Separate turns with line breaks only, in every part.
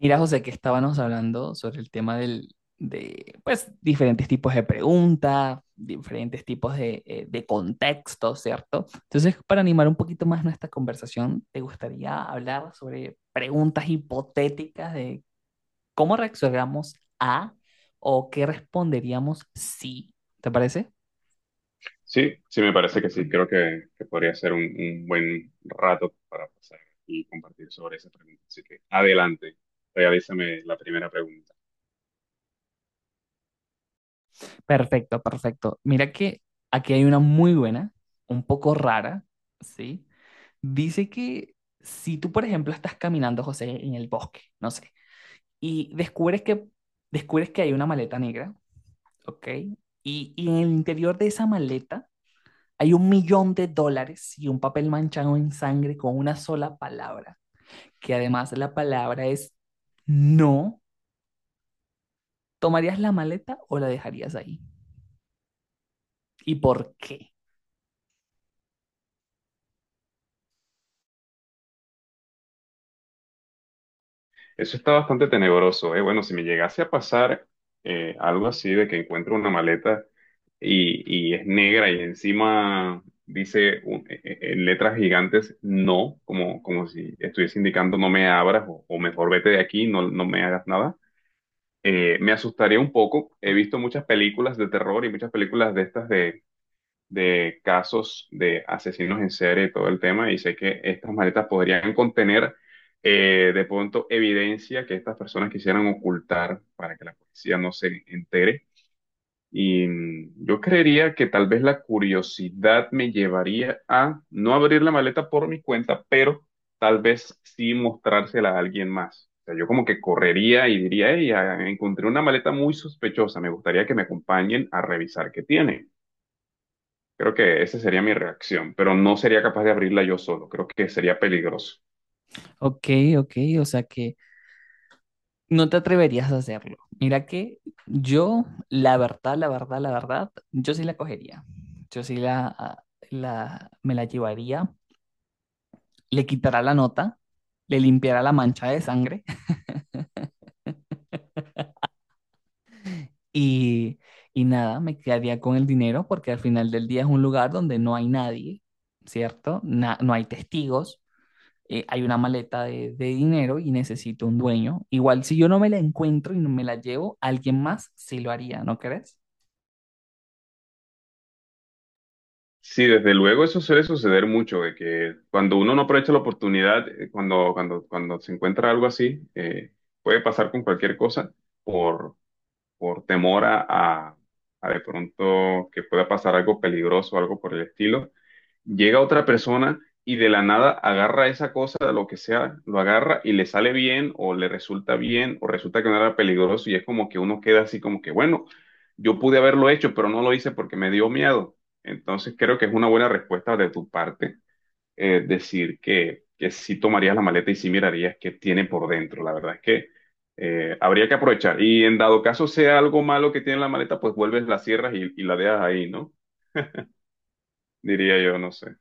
Mira, José, que estábamos hablando sobre el tema del, de, pues, diferentes tipos de preguntas, diferentes tipos de contextos, ¿cierto? Entonces, para animar un poquito más nuestra conversación, ¿te gustaría hablar sobre preguntas hipotéticas de cómo reaccionamos a o qué responderíamos si? ¿Te parece?
Sí, sí, me parece que sí. Creo que podría ser un buen rato para pasar y compartir sobre esa pregunta. Así que adelante, realízame la primera pregunta.
Perfecto, perfecto. Mira que aquí hay una muy buena, un poco rara, ¿sí? Dice que si tú, por ejemplo, estás caminando, José, en el bosque, no sé, y descubres que, descubres que hay una maleta negra, ¿ok? Y en el interior de esa maleta hay $1.000.000 y un papel manchado en sangre con una sola palabra, que además la palabra es no. ¿Tomarías la maleta o la dejarías ahí? ¿Y por qué?
Eso está bastante tenebroso, ¿eh? Bueno, si me llegase a pasar algo así de que encuentro una maleta y es negra y encima dice en letras gigantes no, como, como si estuviese indicando no me abras o mejor vete de aquí, no, no me hagas nada. Me asustaría un poco. He visto muchas películas de terror y muchas películas de estas de casos de asesinos en serie y todo el tema, y sé que estas maletas podrían contener de pronto evidencia que estas personas quisieran ocultar para que la policía no se entere. Y yo creería que tal vez la curiosidad me llevaría a no abrir la maleta por mi cuenta, pero tal vez sí mostrársela a alguien más. O sea, yo como que correría y diría, hey, ah, encontré una maleta muy sospechosa, me gustaría que me acompañen a revisar qué tiene. Creo que esa sería mi reacción, pero no sería capaz de abrirla yo solo, creo que sería peligroso.
Ok, ok, o sea que no te atreverías a hacerlo. Mira que yo, la verdad, yo sí la cogería. Yo sí la, la, me la llevaría, le quitará la nota, le limpiará la mancha de sangre y, y nada, me quedaría con el dinero porque al final del día es un lugar donde no hay nadie, ¿cierto? No hay testigos, hay una maleta de dinero y necesito un dueño. Igual si yo no me la encuentro y no me la llevo, alguien más sí lo haría, ¿no crees?
Sí, desde luego eso suele suceder mucho, de que cuando uno no aprovecha la oportunidad, cuando se encuentra algo así, puede pasar con cualquier cosa por, por temor a de pronto que pueda pasar algo peligroso, algo por el estilo. Llega otra persona y de la nada agarra esa cosa, lo que sea, lo agarra y le sale bien o le resulta bien o resulta que no era peligroso y es como que uno queda así como que, bueno, yo pude haberlo hecho, pero no lo hice porque me dio miedo. Entonces creo que es una buena respuesta de tu parte. Decir que sí tomarías la maleta y sí mirarías qué tiene por dentro. La verdad es que habría que aprovechar. Y en dado caso sea algo malo que tiene la maleta, pues vuelves, la cierras y la dejas ahí, ¿no? Diría yo, no sé.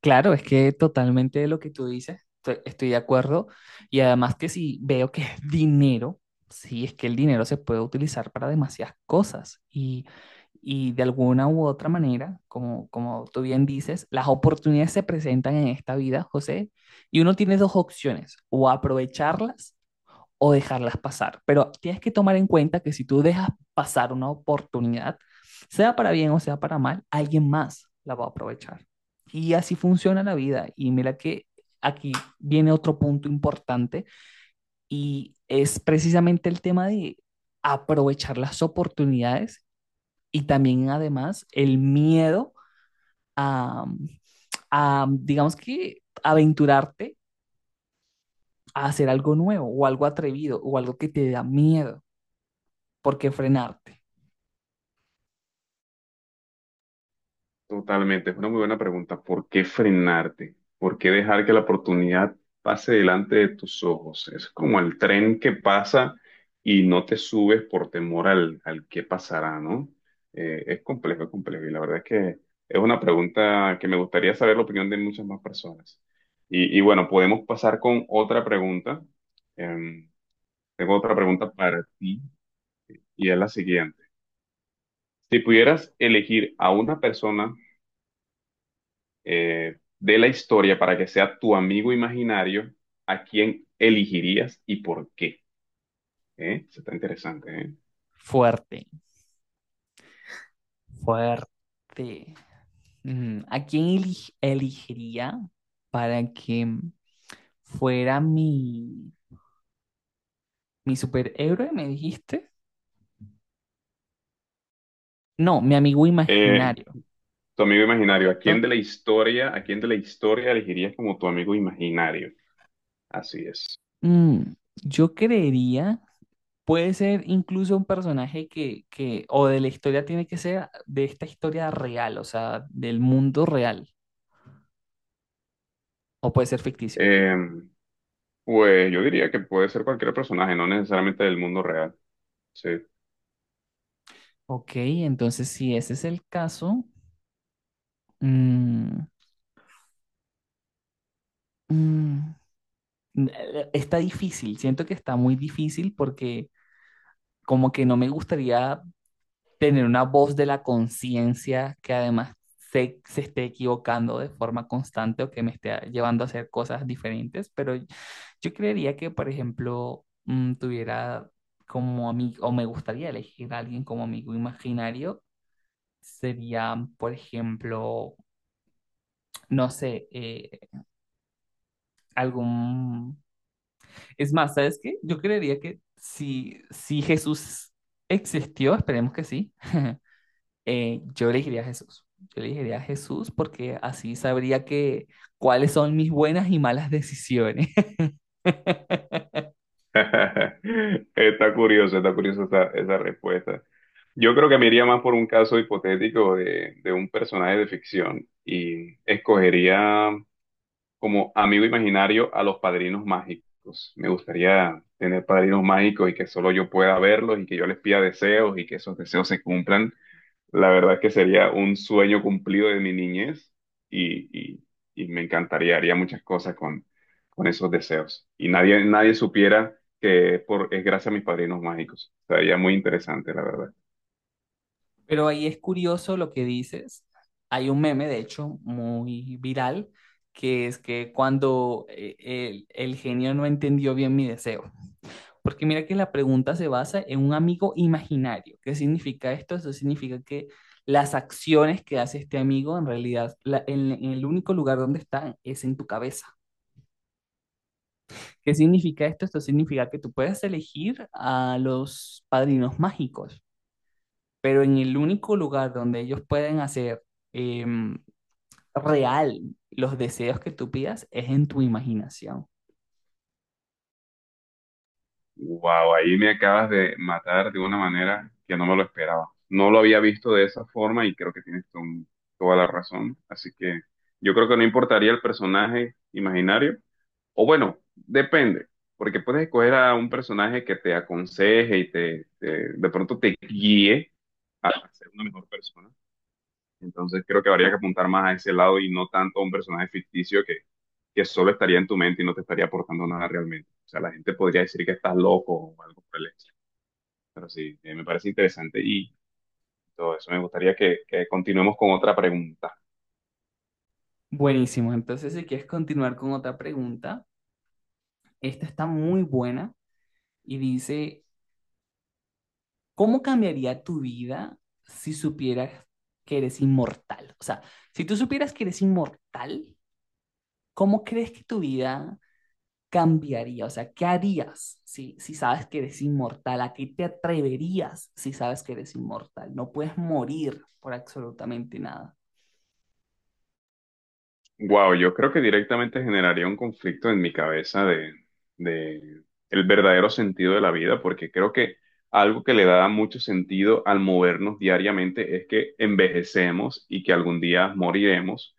Claro, es que totalmente lo que tú dices, estoy de acuerdo. Y además que si veo que es dinero, sí, es que el dinero se puede utilizar para demasiadas cosas. Y de alguna u otra manera, como, como tú bien dices, las oportunidades se presentan en esta vida, José, y uno tiene dos opciones, o aprovecharlas o dejarlas pasar. Pero tienes que tomar en cuenta que si tú dejas pasar una oportunidad, sea para bien o sea para mal, alguien más la va a aprovechar. Y así funciona la vida. Y mira que aquí viene otro punto importante y es precisamente el tema de aprovechar las oportunidades y también además el miedo a, a digamos que, aventurarte a hacer algo nuevo o algo atrevido o algo que te da miedo. ¿Por qué frenarte?
Totalmente, es una muy buena pregunta. ¿Por qué frenarte? ¿Por qué dejar que la oportunidad pase delante de tus ojos? Es como el tren que pasa y no te subes por temor al, al qué pasará, ¿no? Es complejo, es complejo. Y la verdad es que es una pregunta que me gustaría saber la opinión de muchas más personas. Y bueno, podemos pasar con otra pregunta. Em, Tengo otra pregunta para ti y es la siguiente. Si pudieras elegir a una persona de la historia para que sea tu amigo imaginario, ¿a quién elegirías y por qué? ¿Eh? Eso está interesante, ¿eh?
Fuerte, fuerte. Mm, ¿a quién elegiría para que fuera mi superhéroe, me dijiste? No, mi amigo
Eh,
imaginario,
Tu amigo imaginario, ¿a
¿correcto?
quién de la historia, a quién de la historia elegirías como tu amigo imaginario? Así es.
Mm, yo creería, puede ser incluso un personaje que, o de la historia tiene que ser de esta historia real, o sea, del mundo real, o puede ser ficticio.
Eh, pues yo diría que puede ser cualquier personaje, no necesariamente del mundo real. Sí.
Ok, entonces si ese es el caso, mm, mm, está difícil, siento que está muy difícil porque como que no me gustaría tener una voz de la conciencia que además se esté equivocando de forma constante o que me esté llevando a hacer cosas diferentes, pero yo creería que, por ejemplo, mm, tuviera como amigo, o me gustaría elegir a alguien como amigo imaginario, sería, por ejemplo, no sé, algún. Es más, ¿sabes qué? Yo creería que si Jesús existió, esperemos que sí, yo elegiría a Jesús. Yo elegiría a Jesús porque así sabría que cuáles son mis buenas y malas decisiones.
Está curioso, está curiosa esa, esa respuesta. Yo creo que me iría más por un caso hipotético de un personaje de ficción y escogería como amigo imaginario a los padrinos mágicos. Me gustaría tener padrinos mágicos y que solo yo pueda verlos y que yo les pida deseos y que esos deseos se cumplan. La verdad es que sería un sueño cumplido de mi niñez y, y- y me encantaría, haría muchas cosas con esos deseos. Y nadie, nadie supiera que es por, es gracias a mis padrinos mágicos. Sería muy interesante, la verdad.
Pero ahí es curioso lo que dices. Hay un meme, de hecho, muy viral, que es que cuando el genio no entendió bien mi deseo. Porque mira que la pregunta se basa en un amigo imaginario. ¿Qué significa esto? Eso significa que las acciones que hace este amigo en realidad, en el único lugar donde están es en tu cabeza. ¿Qué significa esto? Esto significa que tú puedes elegir a los padrinos mágicos, pero en el único lugar donde ellos pueden hacer em, real los deseos que tú pidas es en tu imaginación.
Wow, ahí me acabas de matar de una manera que no me lo esperaba. No lo había visto de esa forma y creo que tienes toda la razón. Así que yo creo que no importaría el personaje imaginario. O bueno, depende, porque puedes escoger a un personaje que te aconseje y de pronto te guíe a ser una mejor persona. Entonces creo que habría que apuntar más a ese lado y no tanto a un personaje ficticio que solo estaría en tu mente y no te estaría aportando nada realmente. O sea, la gente podría decir que estás loco o algo por el estilo. Pero sí, me parece interesante y todo eso. Me gustaría que continuemos con otra pregunta.
Buenísimo. Entonces, si quieres continuar con otra pregunta, esta está muy buena. Y dice, ¿cómo cambiaría tu vida si supieras que eres inmortal? O sea, si tú supieras que eres inmortal, ¿cómo crees que tu vida cambiaría? O sea, ¿qué harías si sabes que eres inmortal? ¿A qué te atreverías si sabes que eres inmortal? No puedes morir por absolutamente nada.
Wow, yo creo que directamente generaría un conflicto en mi cabeza de el verdadero sentido de la vida, porque creo que algo que le da mucho sentido al movernos diariamente es que envejecemos y que algún día moriremos,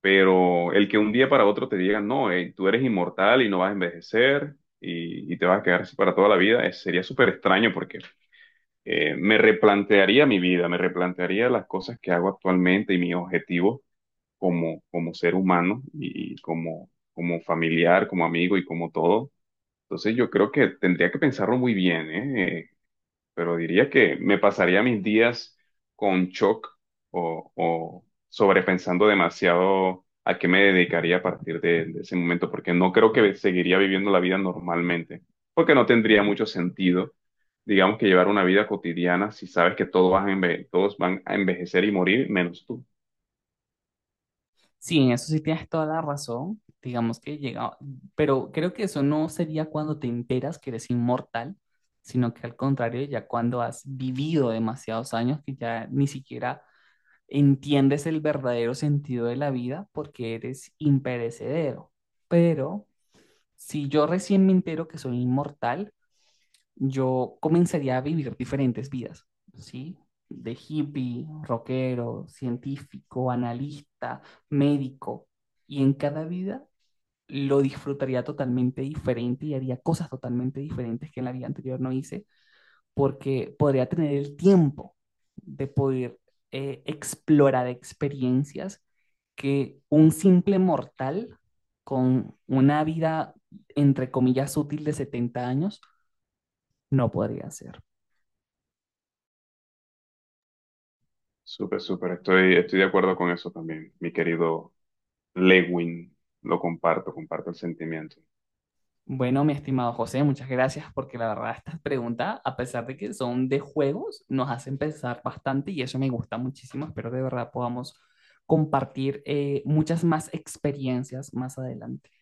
pero el que un día para otro te digan, no, tú eres inmortal y no vas a envejecer y te vas a quedar así para toda la vida. Sería súper extraño porque me replantearía mi vida, me replantearía las cosas que hago actualmente y mis objetivos como, como ser humano y como, como familiar, como amigo y como todo. Entonces yo creo que tendría que pensarlo muy bien, ¿eh? Pero diría que me pasaría mis días con shock o sobrepensando demasiado a qué me dedicaría a partir de ese momento, porque no creo que seguiría viviendo la vida normalmente, porque no tendría mucho sentido, digamos, que llevar una vida cotidiana si sabes que todos van a todos van a envejecer y morir, menos tú.
Sí, en eso sí tienes toda la razón. Digamos que llega, pero creo que eso no sería cuando te enteras que eres inmortal, sino que al contrario, ya cuando has vivido demasiados años que ya ni siquiera entiendes el verdadero sentido de la vida porque eres imperecedero. Pero si yo recién me entero que soy inmortal, yo comenzaría a vivir diferentes vidas, ¿sí? De hippie, rockero, científico, analista, médico. Y en cada vida lo disfrutaría totalmente diferente y haría cosas totalmente diferentes que en la vida anterior no hice, porque podría tener el tiempo de poder explorar experiencias que un simple mortal con una vida, entre comillas, útil de 70 años no podría hacer.
Súper, súper. Estoy, estoy de acuerdo con eso también, mi querido Lewin. Lo comparto, comparto el sentimiento.
Bueno, mi estimado José, muchas gracias porque la verdad estas preguntas, a pesar de que son de juegos, nos hacen pensar bastante y eso me gusta muchísimo. Espero de verdad podamos compartir muchas más experiencias más adelante.